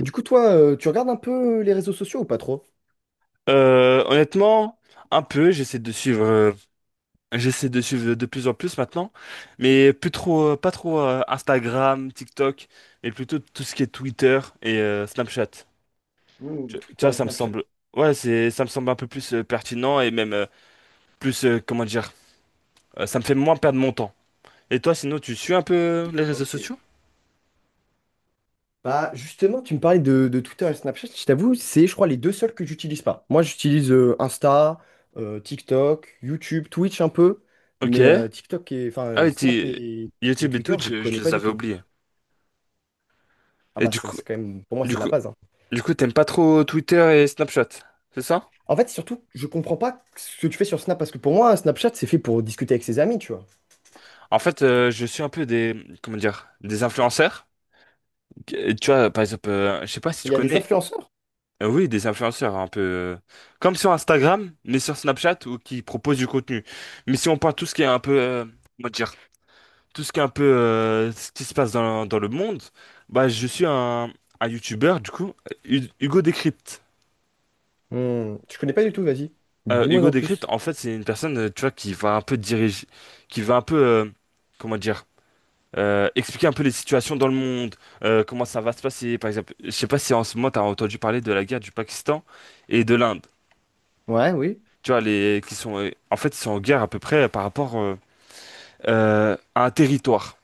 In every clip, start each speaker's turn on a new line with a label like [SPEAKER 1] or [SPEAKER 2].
[SPEAKER 1] Du coup, toi, tu regardes un peu les réseaux sociaux ou pas trop?
[SPEAKER 2] Honnêtement, un peu, j'essaie de suivre de plus en plus maintenant, mais plus trop, pas trop Instagram, TikTok, mais plutôt tout ce qui est Twitter et Snapchat.
[SPEAKER 1] Hmm,
[SPEAKER 2] Tu
[SPEAKER 1] Twitter
[SPEAKER 2] vois,
[SPEAKER 1] et
[SPEAKER 2] ça me
[SPEAKER 1] Snapchat.
[SPEAKER 2] semble, ouais, ça me semble un peu plus pertinent et même plus, comment dire, ça me fait moins perdre mon temps. Et toi, sinon, tu suis un peu les réseaux
[SPEAKER 1] Ok.
[SPEAKER 2] sociaux?
[SPEAKER 1] Bah justement, tu me parlais de Twitter et Snapchat, je t'avoue, c'est je crois les deux seuls que j'utilise pas. Moi j'utilise Insta, TikTok, YouTube, Twitch un peu,
[SPEAKER 2] Ok.
[SPEAKER 1] mais TikTok et enfin
[SPEAKER 2] Ah oui,
[SPEAKER 1] Snap
[SPEAKER 2] t'es-
[SPEAKER 1] et
[SPEAKER 2] YouTube et
[SPEAKER 1] Twitter,
[SPEAKER 2] Twitch,
[SPEAKER 1] je
[SPEAKER 2] je
[SPEAKER 1] connais pas
[SPEAKER 2] les
[SPEAKER 1] du
[SPEAKER 2] avais
[SPEAKER 1] tout.
[SPEAKER 2] oubliés.
[SPEAKER 1] Ah
[SPEAKER 2] Et
[SPEAKER 1] bah
[SPEAKER 2] du
[SPEAKER 1] c'est
[SPEAKER 2] coup,
[SPEAKER 1] c'est quand même pour moi
[SPEAKER 2] du
[SPEAKER 1] c'est la
[SPEAKER 2] coup,
[SPEAKER 1] base, hein.
[SPEAKER 2] du coup, t'aimes pas trop Twitter et Snapchat, c'est ça?
[SPEAKER 1] En fait, surtout, je comprends pas ce que tu fais sur Snap parce que pour moi Snapchat c'est fait pour discuter avec ses amis, tu vois.
[SPEAKER 2] En fait, je suis un peu des, comment dire, des influenceurs. Tu vois, par exemple, je sais pas si
[SPEAKER 1] Mais
[SPEAKER 2] tu
[SPEAKER 1] il y a des
[SPEAKER 2] connais,
[SPEAKER 1] influenceurs.
[SPEAKER 2] oui, des influenceurs un peu, comme sur Instagram, mais sur Snapchat ou qui proposent du contenu. Mais si on parle tout ce qui est un peu, comment dire, tout ce qui est un peu, ce qui se passe dans le monde, bah, je suis un YouTuber du coup. Hugo Décrypte.
[SPEAKER 1] Hmm, je connais pas du tout, vas-y. Dis-moi
[SPEAKER 2] Hugo
[SPEAKER 1] en
[SPEAKER 2] Décrypte,
[SPEAKER 1] plus.
[SPEAKER 2] en fait, c'est une personne, tu vois, qui va un peu diriger, qui va un peu, comment dire. Expliquer un peu les situations dans le monde, comment ça va se passer, par exemple. Je sais pas si en ce moment t'as entendu parler de la guerre du Pakistan et de l'Inde.
[SPEAKER 1] Ouais, oui.
[SPEAKER 2] Tu vois, les qui sont en fait ils sont en guerre à peu près par rapport à un territoire.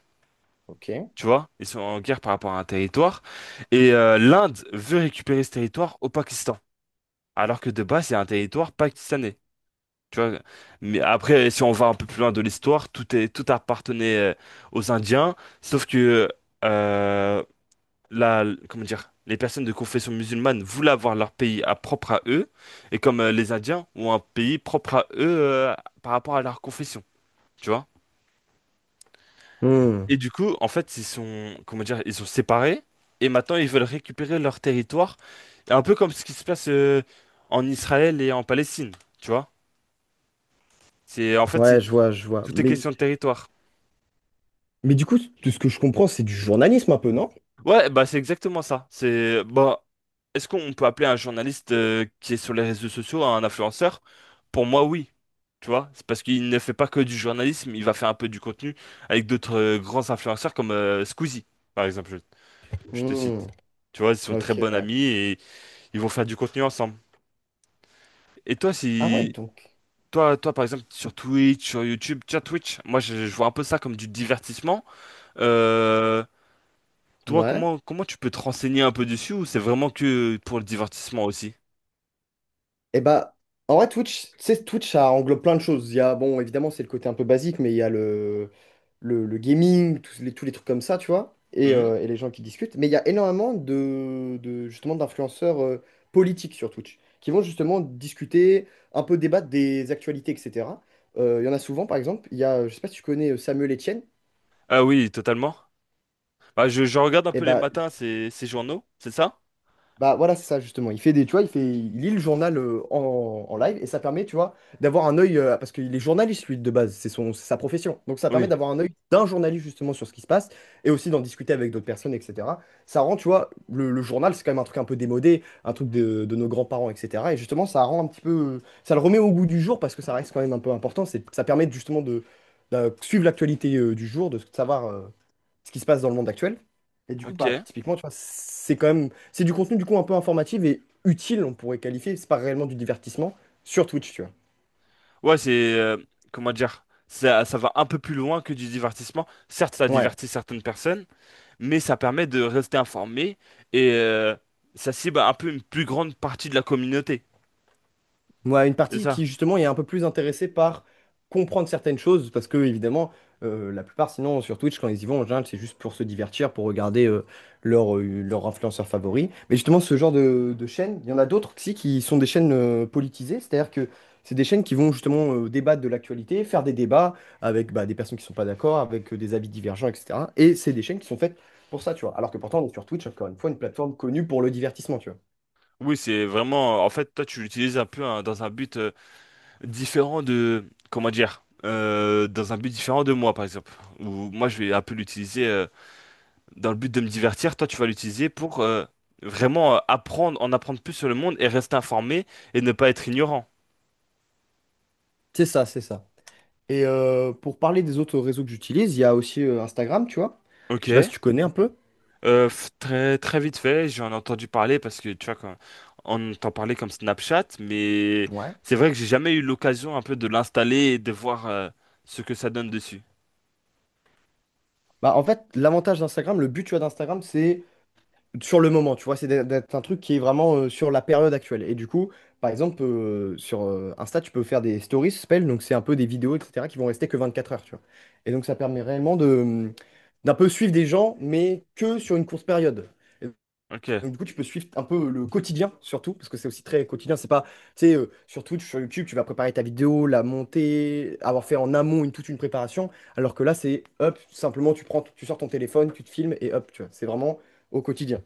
[SPEAKER 1] Ok.
[SPEAKER 2] Tu vois, ils sont en guerre par rapport à un territoire et l'Inde veut récupérer ce territoire au Pakistan, alors que de base c'est un territoire pakistanais. Tu vois, mais après si on va un peu plus loin de l'histoire, tout est tout appartenait aux Indiens, sauf que euh, la, comment dire, les personnes de confession musulmane voulaient avoir leur pays propre à eux, et comme les Indiens ont un pays propre à eux par rapport à leur confession, tu vois.
[SPEAKER 1] Hmm,
[SPEAKER 2] Et du coup, en fait, ils sont, comment dire, ils sont séparés, et maintenant ils veulent récupérer leur territoire, un peu comme ce qui se passe en Israël et en Palestine, tu vois. C'est, en fait, c'est,
[SPEAKER 1] ouais, je vois, je vois.
[SPEAKER 2] tout est
[SPEAKER 1] Mais,
[SPEAKER 2] question de territoire.
[SPEAKER 1] mais du coup, de ce que je comprends, c'est du journalisme un peu, non?
[SPEAKER 2] Ouais, bah c'est exactement ça. C'est bah est-ce qu'on peut appeler un journaliste qui est sur les réseaux sociaux un influenceur? Pour moi, oui. Tu vois, c'est parce qu'il ne fait pas que du journalisme, il va faire un peu du contenu avec d'autres grands influenceurs comme Squeezie, par exemple, je te
[SPEAKER 1] Hmm,
[SPEAKER 2] cite. Tu vois, ils sont très
[SPEAKER 1] ok,
[SPEAKER 2] bons
[SPEAKER 1] ouais.
[SPEAKER 2] amis et ils vont faire du contenu ensemble. Et toi,
[SPEAKER 1] Ah ouais,
[SPEAKER 2] si
[SPEAKER 1] donc.
[SPEAKER 2] toi, toi par exemple sur Twitch, sur YouTube, tiens Twitch, moi je vois un peu ça comme du divertissement. Euh, Toi,
[SPEAKER 1] Ouais.
[SPEAKER 2] comment tu peux te renseigner un peu dessus ou c'est vraiment que pour le divertissement aussi?
[SPEAKER 1] Et bah, en vrai, Twitch, tu sais, Twitch, ça englobe plein de choses. Il y a, bon, évidemment, c'est le côté un peu basique, mais il y a le gaming, tous les trucs comme ça, tu vois, et,
[SPEAKER 2] Hmm.
[SPEAKER 1] euh, et les gens qui discutent. Mais il y a énormément justement, d'influenceurs politiques sur Twitch, qui vont justement discuter, un peu débattre des actualités, etc. Il y en a souvent, par exemple, il y a, je sais pas si tu connais Samuel Etienne,
[SPEAKER 2] Ah oui, totalement. Bah, je regarde un
[SPEAKER 1] et
[SPEAKER 2] peu les
[SPEAKER 1] bah,
[SPEAKER 2] matins ces, ces journaux, c'est ça?
[SPEAKER 1] bah voilà, c'est ça justement. Il fait des, tu vois, il fait, il lit le journal en live et ça permet, tu vois, d'avoir un œil parce qu'il est journaliste lui de base, c'est son, c'est sa profession. Donc ça permet
[SPEAKER 2] Oui.
[SPEAKER 1] d'avoir un œil d'un journaliste justement sur ce qui se passe et aussi d'en discuter avec d'autres personnes, etc. Ça rend, tu vois, le journal c'est quand même un truc un peu démodé, un truc de nos grands-parents, etc. Et justement, ça rend un petit peu, ça le remet au goût du jour parce que ça reste quand même un peu important. C'est, ça permet justement de suivre l'actualité du jour, de savoir, ce qui se passe dans le monde actuel. Et du coup, bah,
[SPEAKER 2] Ok.
[SPEAKER 1] typiquement, tu vois, c'est quand même, c'est du contenu du coup un peu informatif et utile, on pourrait qualifier. C'est pas réellement du divertissement sur Twitch, tu vois.
[SPEAKER 2] Ouais, comment dire? Ça va un peu plus loin que du divertissement. Certes, ça
[SPEAKER 1] Ouais.
[SPEAKER 2] divertit certaines personnes, mais ça permet de rester informé et ça cible un peu une plus grande partie de la communauté.
[SPEAKER 1] Ouais, une
[SPEAKER 2] C'est
[SPEAKER 1] partie
[SPEAKER 2] ça?
[SPEAKER 1] qui justement est un peu plus intéressée par comprendre certaines choses, parce que évidemment, la plupart sinon sur Twitch, quand ils y vont, en général, c'est juste pour se divertir, pour regarder leur influenceur favori. Mais justement, ce genre de chaînes, il y en a d'autres aussi qui sont des chaînes politisées, c'est-à-dire que c'est des chaînes qui vont justement débattre de l'actualité, faire des débats avec bah, des personnes qui ne sont pas d'accord, avec des avis divergents, etc. Et c'est des chaînes qui sont faites pour ça, tu vois. Alors que pourtant, on est sur Twitch, encore une fois, une plateforme connue pour le divertissement, tu vois.
[SPEAKER 2] Oui, c'est vraiment... En fait, toi, tu l'utilises un peu hein, dans un but, différent de, comment dire, dans un but différent de moi, par exemple. Ou moi, je vais un peu l'utiliser dans le but de me divertir. Toi, tu vas l'utiliser pour vraiment apprendre, en apprendre plus sur le monde et rester informé et ne pas être ignorant.
[SPEAKER 1] C'est ça, c'est ça. Et pour parler des autres réseaux que j'utilise, il y a aussi Instagram, tu vois.
[SPEAKER 2] Ok.
[SPEAKER 1] Je sais pas si tu connais un peu.
[SPEAKER 2] Très très vite fait, j'en ai entendu parler parce que tu vois quand on t'en parlait comme Snapchat, mais
[SPEAKER 1] Ouais.
[SPEAKER 2] c'est vrai que j'ai jamais eu l'occasion un peu de l'installer et de voir ce que ça donne dessus.
[SPEAKER 1] Bah, en fait, l'avantage d'Instagram, le but, tu vois, d'Instagram, c'est sur le moment, tu vois, c'est d'être un truc qui est vraiment sur la période actuelle. Et du coup, par exemple, sur Insta, tu peux faire des stories, ça s'appelle, donc c'est un peu des vidéos, etc., qui vont rester que 24 heures, tu vois. Et donc, ça permet réellement d'un peu suivre des gens, mais que sur une courte période.
[SPEAKER 2] Ok.
[SPEAKER 1] Donc, du coup, tu peux suivre un peu le quotidien, surtout, parce que c'est aussi très quotidien. C'est pas, tu sais, sur Twitch, sur YouTube, tu vas préparer ta vidéo, la monter, avoir fait en amont une, toute une préparation, alors que là, c'est hop, simplement, tu prends, tu sors ton téléphone, tu te filmes et hop, tu vois, c'est vraiment au quotidien.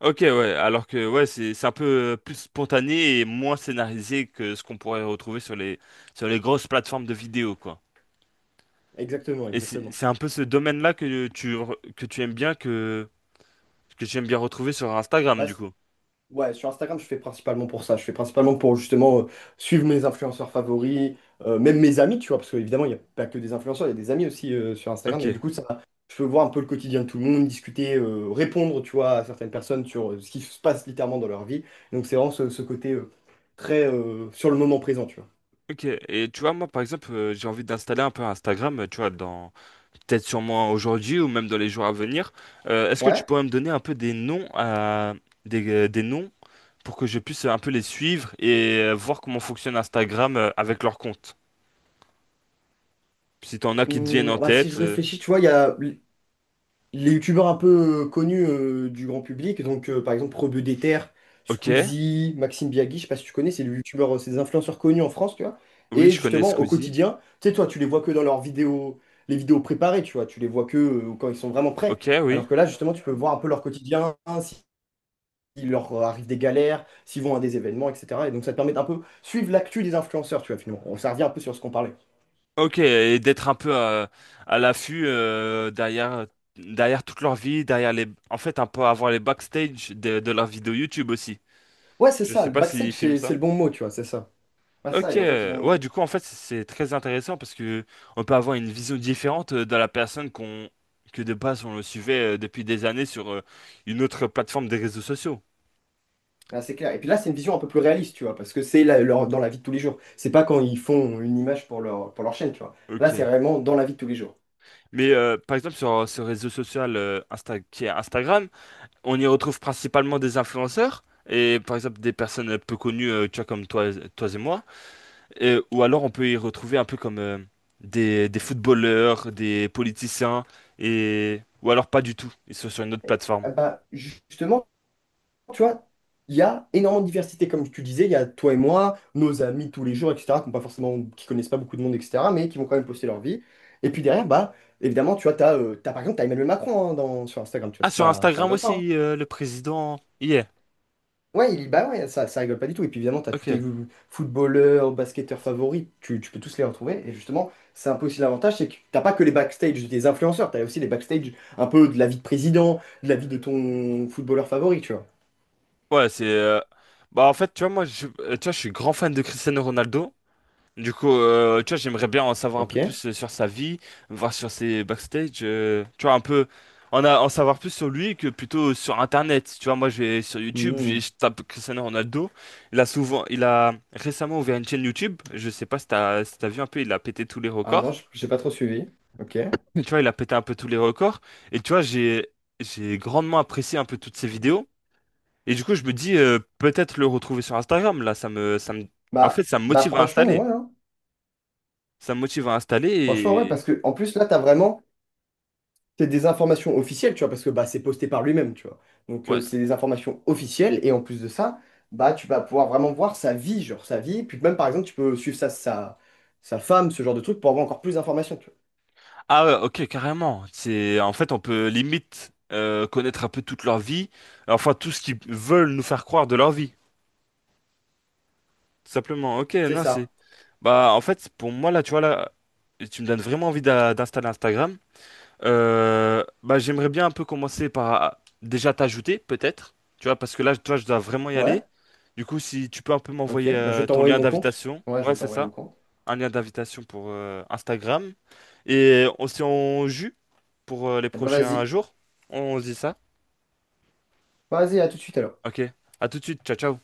[SPEAKER 2] Ok, ouais, alors que ouais, c'est un peu plus spontané et moins scénarisé que ce qu'on pourrait retrouver sur les grosses plateformes de vidéo, quoi.
[SPEAKER 1] Exactement,
[SPEAKER 2] Et c'est
[SPEAKER 1] exactement.
[SPEAKER 2] c'est un peu ce domaine-là que que tu aimes bien que j'aime bien retrouver sur
[SPEAKER 1] Bah,
[SPEAKER 2] Instagram, du coup.
[SPEAKER 1] ouais, sur Instagram, je fais principalement pour ça. Je fais principalement pour justement suivre mes influenceurs favoris, même mes amis, tu vois, parce qu'évidemment, il n'y a pas que des influenceurs, il y a des amis aussi sur
[SPEAKER 2] Ok,
[SPEAKER 1] Instagram. Et du coup, ça, je peux voir un peu le quotidien de tout le monde, discuter, répondre, tu vois, à certaines personnes sur ce qui se passe littéralement dans leur vie. Donc, c'est vraiment ce, ce côté, très sur le moment présent, tu vois.
[SPEAKER 2] ok. Et tu vois, moi, par exemple, j'ai envie d'installer un peu Instagram, tu vois, dans peut-être sûrement aujourd'hui ou même dans les jours à venir. Est-ce que tu
[SPEAKER 1] Ouais.
[SPEAKER 2] pourrais me donner un peu des noms à des noms pour que je puisse un peu les suivre et voir comment fonctionne Instagram avec leur compte? Puis si t'en as qui te viennent
[SPEAKER 1] Hum,
[SPEAKER 2] en
[SPEAKER 1] bah, si je
[SPEAKER 2] tête,
[SPEAKER 1] réfléchis, tu vois, il y a les youtubeurs un peu connus du grand public, donc par exemple Rebeu des Terres,
[SPEAKER 2] ok,
[SPEAKER 1] Squeezie, Maxime Biagui, je sais pas si tu connais, c'est les youtubeurs, c'est des influenceurs connus en France, tu vois.
[SPEAKER 2] oui,
[SPEAKER 1] Et
[SPEAKER 2] je connais
[SPEAKER 1] justement, au
[SPEAKER 2] Squeezie.
[SPEAKER 1] quotidien, tu sais, toi, tu les vois que dans leurs vidéos, les vidéos préparées, tu vois, tu les vois que quand ils sont vraiment prêts.
[SPEAKER 2] Ok, oui.
[SPEAKER 1] Alors que là, justement, tu peux voir un peu leur quotidien, hein, s'il leur arrive des galères, s'ils vont à des événements, etc. Et donc, ça te permet d'un peu suivre l'actu des influenceurs, tu vois, finalement. Ça revient un peu sur ce qu'on parlait.
[SPEAKER 2] Ok, et d'être un peu à l'affût derrière, derrière toute leur vie, derrière les... En fait, un peu avoir les backstage de leurs vidéos YouTube aussi.
[SPEAKER 1] Ouais, c'est
[SPEAKER 2] Je
[SPEAKER 1] ça,
[SPEAKER 2] sais
[SPEAKER 1] le
[SPEAKER 2] pas s'ils
[SPEAKER 1] backstage,
[SPEAKER 2] filment
[SPEAKER 1] c'est
[SPEAKER 2] ça.
[SPEAKER 1] le bon mot, tu vois, c'est ça. Bah ça,
[SPEAKER 2] Ok,
[SPEAKER 1] et en fait, ils
[SPEAKER 2] ouais,
[SPEAKER 1] vont.
[SPEAKER 2] du coup, en fait, c'est très intéressant parce que on peut avoir une vision différente de la personne qu'on que de base on le suivait depuis des années sur une autre plateforme des réseaux sociaux.
[SPEAKER 1] Ah, c'est clair. Et puis là, c'est une vision un peu plus réaliste, tu vois, parce que c'est dans la vie de tous les jours. C'est pas quand ils font une image pour leur chaîne, tu vois. Là, c'est
[SPEAKER 2] Ok.
[SPEAKER 1] vraiment dans la vie de tous les jours.
[SPEAKER 2] Mais par exemple, sur ce réseau social qui est Instagram, on y retrouve principalement des influenceurs et par exemple des personnes peu connues, tu vois, comme toi, toi et moi. Ou alors on peut y retrouver un peu comme des footballeurs, des politiciens, et ou alors pas du tout. Ils sont sur une autre plateforme.
[SPEAKER 1] Ah bah, justement, tu vois, il y a énormément de diversité, comme tu disais. Il y a toi et moi, nos amis de tous les jours, etc., qui ont pas forcément, qui connaissent pas beaucoup de monde, etc., mais qui vont quand même poster leur vie. Et puis derrière, bah, évidemment, tu vois, t'as, par exemple, t'as Emmanuel Macron hein, dans, sur Instagram, tu vois,
[SPEAKER 2] Ah,
[SPEAKER 1] c'est
[SPEAKER 2] sur
[SPEAKER 1] pas, ça
[SPEAKER 2] Instagram
[SPEAKER 1] rigole pas, hein.
[SPEAKER 2] aussi, le président y est.
[SPEAKER 1] Ouais, bah ouais, ça rigole pas du tout. Et puis évidemment, t'as tous tes
[SPEAKER 2] Ok.
[SPEAKER 1] footballeurs, basketteurs favoris, tu peux tous les retrouver. Et justement, c'est un peu aussi l'avantage, c'est que t'as pas que les backstage des influenceurs, t'as aussi les backstage un peu de la vie de président, de la vie de ton footballeur favori, tu vois.
[SPEAKER 2] Ouais, c'est. Bah en fait, tu vois, moi, tu vois, je suis grand fan de Cristiano Ronaldo. Du coup, tu vois, j'aimerais bien en savoir un
[SPEAKER 1] Ok.
[SPEAKER 2] peu plus sur sa vie, voir sur ses backstage, tu vois, un peu en savoir plus sur lui que plutôt sur Internet. Tu vois, moi, je vais sur YouTube,
[SPEAKER 1] Hmm.
[SPEAKER 2] je tape Cristiano Ronaldo. Il a souvent, il a récemment ouvert une chaîne YouTube. Je sais pas si t'as, si t'as vu un peu, il a pété tous les
[SPEAKER 1] Ah non,
[SPEAKER 2] records.
[SPEAKER 1] j'ai pas trop suivi. Ok.
[SPEAKER 2] Tu vois, il a pété un peu tous les records. Et tu vois, j'ai grandement apprécié un peu toutes ses vidéos. Et du coup, je me dis, peut-être le retrouver sur Instagram. Là, ça me, en fait,
[SPEAKER 1] Bah,
[SPEAKER 2] ça me
[SPEAKER 1] bah
[SPEAKER 2] motive à
[SPEAKER 1] franchement,
[SPEAKER 2] installer.
[SPEAKER 1] ouais, hein.
[SPEAKER 2] Ça me motive à
[SPEAKER 1] Franchement, ouais,
[SPEAKER 2] installer.
[SPEAKER 1] parce que en plus, là, t'as vraiment. C'est des informations officielles, tu vois, parce que bah, c'est posté par lui-même, tu vois. Donc,
[SPEAKER 2] Ouais.
[SPEAKER 1] c'est des informations officielles, et en plus de ça, bah, tu vas pouvoir vraiment voir sa vie, genre sa vie. Puis même, par exemple, tu peux suivre sa, sa femme, ce genre de truc, pour avoir encore plus d'informations, tu vois.
[SPEAKER 2] Ah ouais, ok, carrément. C'est en fait on peut limite connaître un peu toute leur vie, enfin tout ce qu'ils veulent nous faire croire de leur vie, tout simplement. Ok,
[SPEAKER 1] C'est
[SPEAKER 2] non c'est.
[SPEAKER 1] ça.
[SPEAKER 2] Bah en fait pour moi là, tu vois là, tu me donnes vraiment envie d'installer Instagram. Bah j'aimerais bien un peu commencer par ah, déjà t'ajouter peut-être, tu vois parce que là toi je dois vraiment y aller.
[SPEAKER 1] Ouais,
[SPEAKER 2] Du coup si tu peux un peu
[SPEAKER 1] ok.
[SPEAKER 2] m'envoyer
[SPEAKER 1] Bah, je vais
[SPEAKER 2] ton
[SPEAKER 1] t'envoyer
[SPEAKER 2] lien
[SPEAKER 1] mon compte.
[SPEAKER 2] d'invitation,
[SPEAKER 1] Ouais, je
[SPEAKER 2] ouais
[SPEAKER 1] vais
[SPEAKER 2] c'est
[SPEAKER 1] t'envoyer mon
[SPEAKER 2] ça.
[SPEAKER 1] compte.
[SPEAKER 2] Un lien d'invitation pour Instagram. Et on s'y en jus pour les
[SPEAKER 1] Eh bah,
[SPEAKER 2] prochains
[SPEAKER 1] vas-y.
[SPEAKER 2] jours. On se dit ça.
[SPEAKER 1] Vas-y, à tout de suite alors.
[SPEAKER 2] Ok. À tout de suite. Ciao, ciao.